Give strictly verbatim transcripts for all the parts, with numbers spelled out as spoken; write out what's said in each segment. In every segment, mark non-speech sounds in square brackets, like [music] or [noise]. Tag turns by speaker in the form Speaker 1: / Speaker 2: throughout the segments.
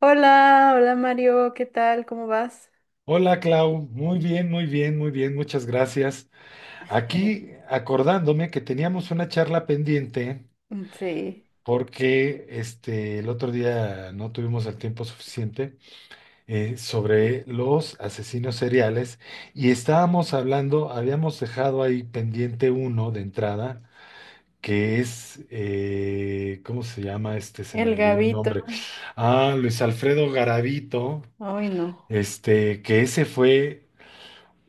Speaker 1: Hola, hola Mario, ¿qué tal? ¿Cómo vas?
Speaker 2: Hola Clau, muy bien, muy bien, muy bien, muchas gracias. Aquí
Speaker 1: [laughs]
Speaker 2: acordándome que teníamos una charla pendiente
Speaker 1: Sí,
Speaker 2: porque este, el otro día no tuvimos el tiempo suficiente eh, sobre los asesinos seriales y estábamos hablando, habíamos dejado ahí pendiente uno de entrada, que es, eh, ¿cómo se llama este? Se me
Speaker 1: el
Speaker 2: olvidó el
Speaker 1: Gavito,
Speaker 2: nombre. Ah, Luis Alfredo Garavito,
Speaker 1: ay no.
Speaker 2: este, que ese fue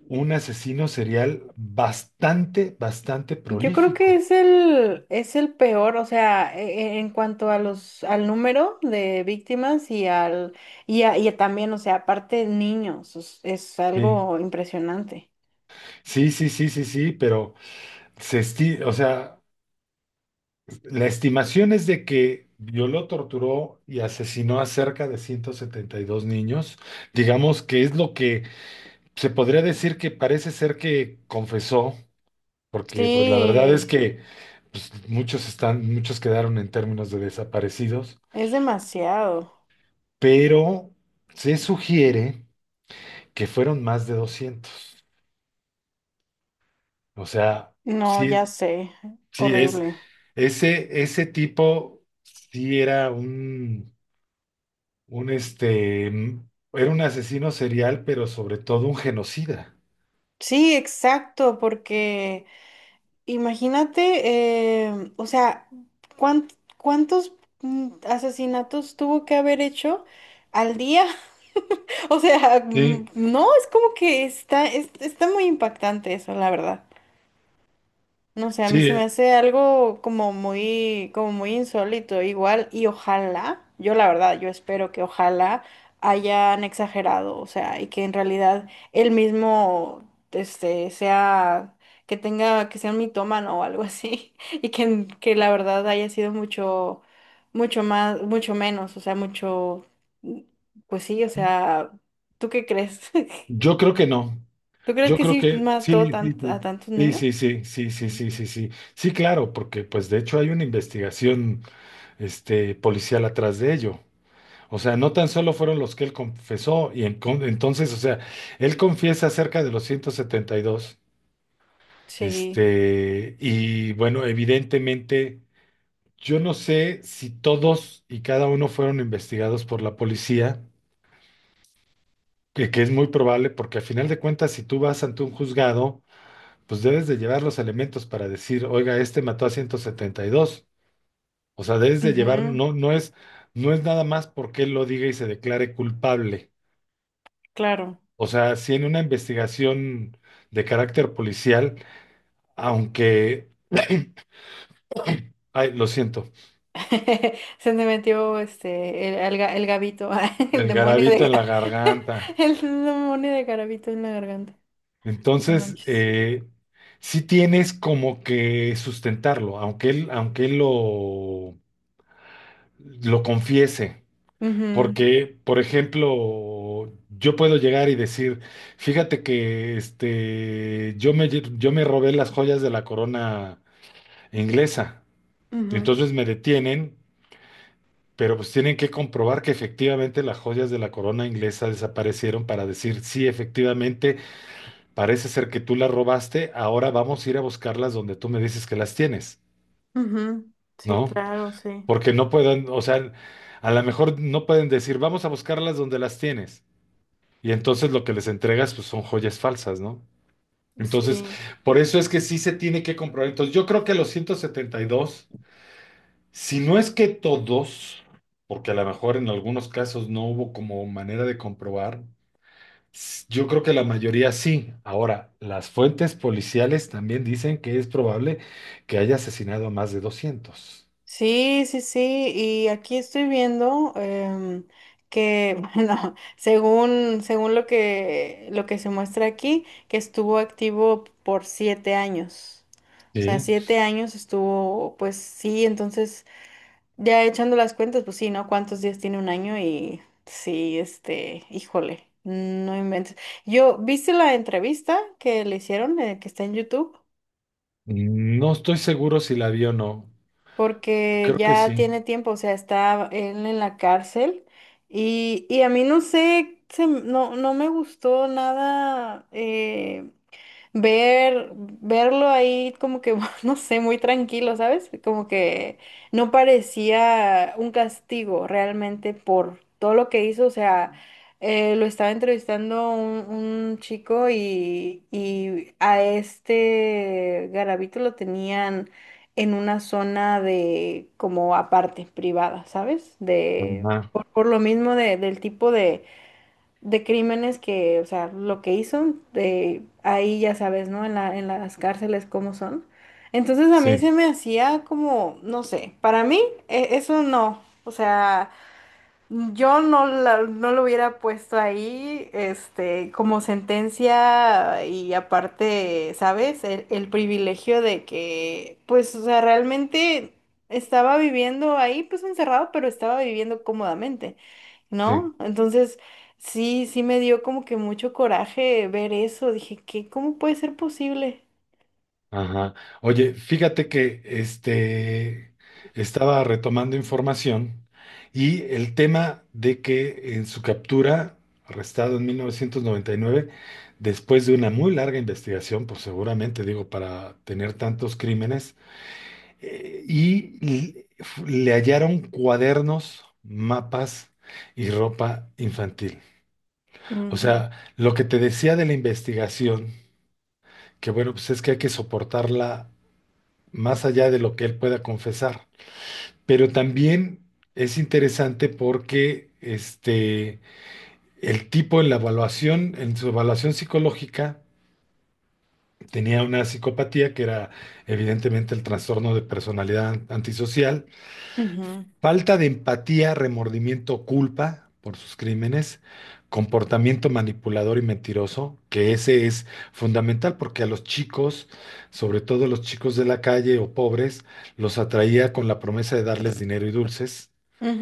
Speaker 2: un asesino serial bastante, bastante
Speaker 1: Yo creo que
Speaker 2: prolífico.
Speaker 1: es el, es el peor, o sea, e- e- en cuanto a los, al número de víctimas y al, y, a- y también, o sea, aparte niños, es, es
Speaker 2: Sí,
Speaker 1: algo impresionante.
Speaker 2: sí, sí, sí, sí, sí, pero se esti- o sea, la estimación es de que violó, torturó y asesinó a cerca de ciento setenta y dos niños. Digamos que es lo que se podría decir que parece ser que confesó, porque pues la verdad es
Speaker 1: Sí,
Speaker 2: que pues, muchos están, muchos quedaron en términos de desaparecidos,
Speaker 1: es demasiado.
Speaker 2: pero se sugiere que fueron más de doscientos. O sea,
Speaker 1: No,
Speaker 2: sí,
Speaker 1: ya
Speaker 2: es-
Speaker 1: sé,
Speaker 2: sí es,
Speaker 1: horrible.
Speaker 2: ese, ese tipo sí era un, un este, mm, era un asesino serial, pero sobre todo un genocida.
Speaker 1: Sí, exacto, porque, imagínate, em, o sea, cuán- ¿cuántos mm, asesinatos tuvo que haber hecho al día? [laughs] O sea, mm,
Speaker 2: Sí,
Speaker 1: no, es como que está, es- está muy impactante eso, la verdad. No sé, a mí
Speaker 2: sí,
Speaker 1: se me
Speaker 2: eh,
Speaker 1: hace algo como muy, como muy insólito, igual, y ojalá, yo la verdad, yo espero que ojalá hayan exagerado, o sea, y que en realidad él mismo, este, sea, que tenga, que sea un mitómano o algo así, [laughs] y que, en- que la verdad haya sido mucho, mucho más, mucho menos, o sea, mucho, pues sí, o sea, ¿tú qué crees? [laughs]
Speaker 2: yo creo que no.
Speaker 1: ¿Tú crees
Speaker 2: Yo
Speaker 1: que
Speaker 2: creo
Speaker 1: sí
Speaker 2: que
Speaker 1: mató
Speaker 2: sí, sí,
Speaker 1: tant- a tantos niños?
Speaker 2: sí. Sí, sí, sí, sí, sí, sí, sí, sí. Sí, claro, porque pues de hecho hay una investigación este, policial atrás de ello. O sea, no tan solo fueron los que él confesó, y en- con- entonces, o sea, él confiesa acerca de los ciento setenta y dos.
Speaker 1: Sí.
Speaker 2: Este, y bueno, evidentemente, yo no sé si todos y cada uno fueron investigados por la policía, que, que es muy probable, porque a final de cuentas, si tú vas ante un juzgado, pues debes de llevar los elementos para decir, oiga, este mató a ciento setenta y dos. O sea, debes de llevar,
Speaker 1: Ujú.
Speaker 2: no, no es, no es nada más porque él lo diga y se declare culpable.
Speaker 1: Claro.
Speaker 2: O sea, si en una investigación de carácter policial, aunque, ay, lo siento,
Speaker 1: [laughs] Se me metió este el, el, ga- el gabito, [laughs] el
Speaker 2: el
Speaker 1: demonio
Speaker 2: garabito
Speaker 1: de
Speaker 2: en la
Speaker 1: ga- [laughs]
Speaker 2: garganta.
Speaker 1: el demonio de garabito en la garganta. No
Speaker 2: Entonces,
Speaker 1: manches.
Speaker 2: eh, sí tienes como que sustentarlo, aunque él, aunque él lo, lo confiese.
Speaker 1: Ujú,
Speaker 2: Porque, por ejemplo, yo puedo llegar y decir, fíjate que este, yo me, lle- yo me robé las joyas de la corona inglesa. Y
Speaker 1: ujú,
Speaker 2: entonces me detienen, pero pues tienen que comprobar que efectivamente las joyas de la corona inglesa desaparecieron para decir, sí, efectivamente. Parece ser que tú las robaste, ahora vamos a ir a buscarlas donde tú me dices que las tienes,
Speaker 1: ujú. Sí,
Speaker 2: ¿no?
Speaker 1: claro, sí.
Speaker 2: Porque no pueden, o sea, a lo mejor no pueden decir, vamos a buscarlas donde las tienes. Y entonces lo que les entregas, pues son joyas falsas, ¿no? Entonces,
Speaker 1: Sí.
Speaker 2: por eso es que sí se tiene que comprobar. Entonces, yo creo que los ciento setenta y dos, si no es que todos, porque a lo mejor en algunos casos no hubo como manera de comprobar. Yo creo que la mayoría sí. Ahora, las fuentes policiales también dicen que es probable que haya asesinado a más de doscientos.
Speaker 1: Sí, sí, sí. Y aquí estoy viendo, em, que, [laughs] bueno, según, según lo que, lo que se muestra aquí, que estuvo activo por siete años. O sea,
Speaker 2: Sí.
Speaker 1: siete años estuvo, pues sí, entonces. Ya echando las cuentas, pues sí, ¿no? ¿Cuántos días tiene un año? Y sí, este, híjole, no inventes. Yo, ¿viste la entrevista que le hicieron, eh, que está en YouTube?
Speaker 2: No estoy seguro si la vio o no.
Speaker 1: Porque
Speaker 2: Creo que
Speaker 1: ya
Speaker 2: sí.
Speaker 1: tiene tiempo, o sea, está él en la cárcel, y, y a mí no sé, se m- no, no me gustó nada. Eh, ver, verlo ahí como que, [laughs] no sé, muy tranquilo, ¿sabes? Como que no parecía un castigo realmente por todo lo que hizo, o sea... eh, lo estaba entrevistando un, un chico, y, y a este Garavito lo tenían en una zona de como aparte, privada, ¿sabes? De
Speaker 2: Ajá.
Speaker 1: por, por lo mismo de- del tipo de, de crímenes que, o sea, lo que hizo, de ahí ya sabes, ¿no? En la, en las cárceles cómo son. Entonces a mí
Speaker 2: Sí,
Speaker 1: se me hacía como, no sé, para mí e- eso no, o sea... Yo no, la- no lo hubiera puesto ahí, este, como sentencia y aparte, ¿sabes? El, el privilegio de que, pues, o sea, realmente estaba viviendo ahí, pues, encerrado, pero estaba viviendo cómodamente,
Speaker 2: sí.
Speaker 1: ¿no? Entonces, sí, sí me dio como que mucho coraje ver eso. Dije, ¿qué? ¿Cómo puede ser posible?
Speaker 2: Ajá. Oye, fíjate que este estaba retomando información y el tema de que en su captura, arrestado en mil novecientos noventa y nueve después de una muy larga investigación, pues seguramente digo, para tener tantos crímenes, eh, y l- f- le hallaron cuadernos, mapas y ropa infantil. O
Speaker 1: Ujú,
Speaker 2: sea, lo que te decía de la investigación, que bueno, pues es que hay que soportarla más allá de lo que él pueda confesar. Pero también es interesante porque este, el tipo en la evaluación, en su evaluación psicológica, tenía una psicopatía que era evidentemente el trastorno de personalidad antisocial.
Speaker 1: ujú,
Speaker 2: Falta de empatía, remordimiento, culpa por sus crímenes, comportamiento manipulador y mentiroso, que ese es fundamental porque a los chicos, sobre todo los chicos de la calle o pobres, los atraía con la promesa de darles dinero y dulces,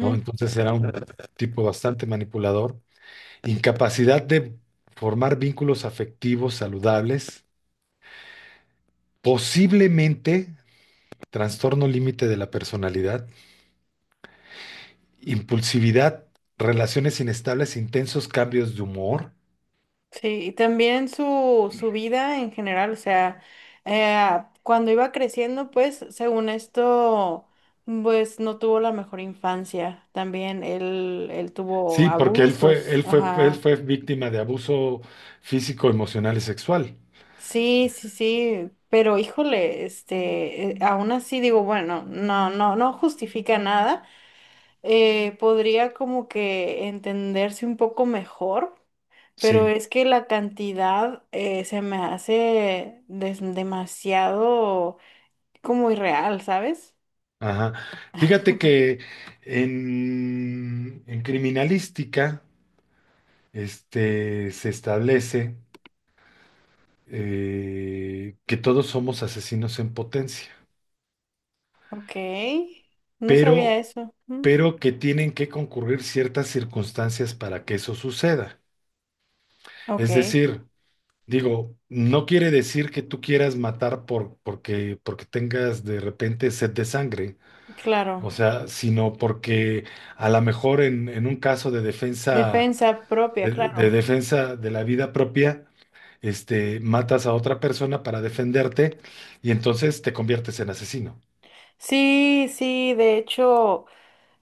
Speaker 2: ¿no? Entonces era un tipo bastante manipulador. Incapacidad de formar vínculos afectivos saludables, posiblemente trastorno límite de la personalidad, impulsividad, relaciones inestables, intensos cambios de humor.
Speaker 1: Sí, y también su, su vida en general, o sea, eh, cuando iba creciendo, pues, según esto, pues no tuvo la mejor infancia. También él, él tuvo
Speaker 2: Sí, porque él fue,
Speaker 1: abusos,
Speaker 2: él fue, él
Speaker 1: ajá.
Speaker 2: fue víctima de abuso físico, emocional y sexual.
Speaker 1: Sí, sí, sí, pero híjole, este, eh, aún así digo, bueno, no, no, no justifica nada. eh, podría como que entenderse un poco mejor. Pero
Speaker 2: Sí,
Speaker 1: es que la cantidad, eh, se me hace des- demasiado como irreal, ¿sabes?
Speaker 2: ajá. Fíjate que en, en criminalística, este, se establece eh, que todos somos asesinos en potencia,
Speaker 1: Ok, no sabía
Speaker 2: pero,
Speaker 1: eso. Mm.
Speaker 2: pero que tienen que concurrir ciertas circunstancias para que eso suceda.
Speaker 1: Ok,
Speaker 2: Es decir, digo, no quiere decir que tú quieras matar por, porque, porque tengas de repente sed de sangre, o
Speaker 1: claro.
Speaker 2: sea, sino porque a lo mejor en, en un caso de defensa,
Speaker 1: Defensa propia,
Speaker 2: de,
Speaker 1: claro.
Speaker 2: de defensa de la vida propia, este, matas a otra persona para defenderte y entonces te conviertes en asesino.
Speaker 1: Sí, sí, de hecho,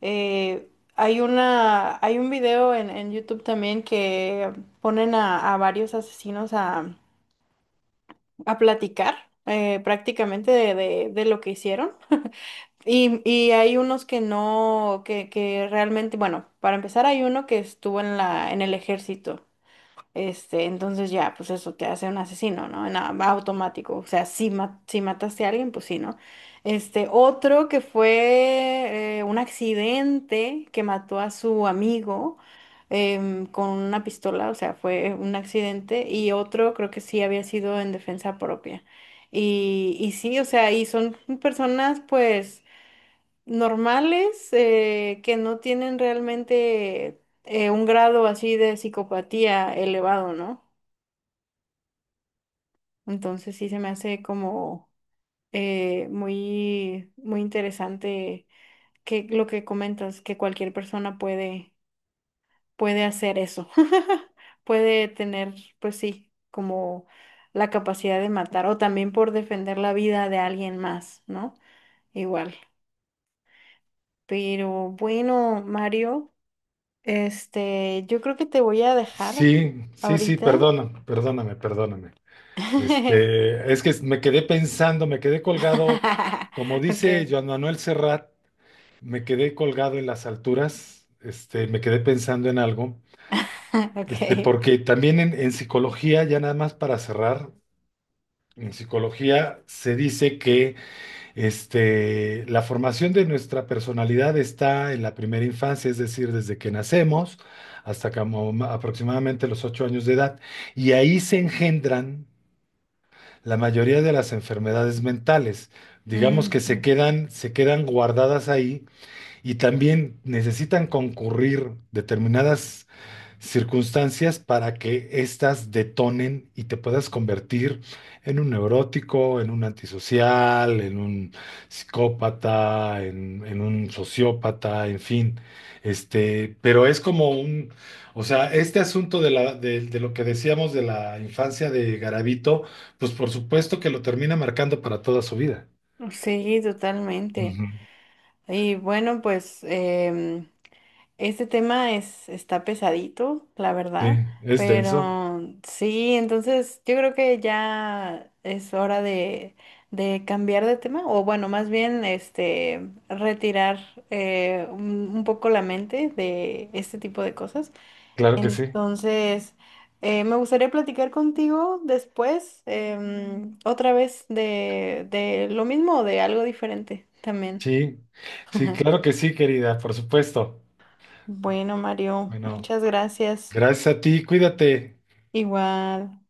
Speaker 1: eh, hay una, hay un video en, en YouTube también que ponen a, a varios asesinos a, a platicar, eh, prácticamente de, de de lo que hicieron. Y, y hay unos que no, que, que realmente, bueno, para empezar hay uno que estuvo en la, en el ejército. Este, entonces ya, pues eso te hace un asesino, ¿no? En a- automático. O sea, si, ma- si mataste a alguien, pues sí, ¿no? Este, otro que fue, eh, un accidente que mató a su amigo, em, con una pistola, o sea, fue un accidente. Y otro creo que sí había sido en defensa propia. Y, y sí, o sea, y son personas, pues normales, eh, que no tienen realmente, eh, un grado así de psicopatía elevado, ¿no? Entonces sí se me hace como, eh, muy, muy interesante que lo que comentas, que cualquier persona puede, puede hacer eso, [laughs] puede tener, pues sí, como la capacidad de matar o también por defender la vida de alguien más, ¿no? Igual. Pero bueno, Mario. Este, yo creo que te voy a dejar
Speaker 2: Sí, sí, sí,
Speaker 1: ahorita.
Speaker 2: perdona, perdóname, perdóname.
Speaker 1: [laughs]
Speaker 2: Este, es que me quedé pensando, me quedé colgado, como dice
Speaker 1: Ok.
Speaker 2: Joan Manuel Serrat. Me quedé colgado en las alturas, este, me quedé pensando en algo,
Speaker 1: [laughs]
Speaker 2: este,
Speaker 1: Ok.
Speaker 2: porque también en, en psicología, ya nada más para cerrar, en psicología se dice que este, la formación de nuestra personalidad está en la primera infancia, es decir, desde que nacemos hasta como ma- aproximadamente los ocho años de edad, y ahí se engendran la mayoría de las enfermedades mentales. Digamos que se quedan, se quedan guardadas ahí. Y también necesitan concurrir determinadas circunstancias para que éstas detonen y te puedas convertir en un neurótico, en un antisocial, en un psicópata, en, en un sociópata, en fin. Este, pero es como un, o sea, este asunto de la, de, de lo que decíamos de la infancia de Garavito, pues por supuesto que lo termina marcando para toda su vida.
Speaker 1: Ujú. Sí, totalmente.
Speaker 2: Ujú.
Speaker 1: Y bueno, pues, em, este tema es, está pesadito, la
Speaker 2: Sí,
Speaker 1: verdad.
Speaker 2: es denso,
Speaker 1: Pero sí, entonces yo creo que ya es hora de, de cambiar de tema. O bueno, más bien este retirar, eh, un un poco la mente de este tipo de cosas.
Speaker 2: claro que sí.
Speaker 1: Entonces, eh, me gustaría platicar contigo después, em, otra vez de, de lo mismo o de algo diferente también.
Speaker 2: Sí, sí,
Speaker 1: [laughs]
Speaker 2: claro que sí, querida, por supuesto.
Speaker 1: Bueno, Mario,
Speaker 2: Bueno,
Speaker 1: muchas gracias.
Speaker 2: gracias a ti, cuídate.
Speaker 1: Igual.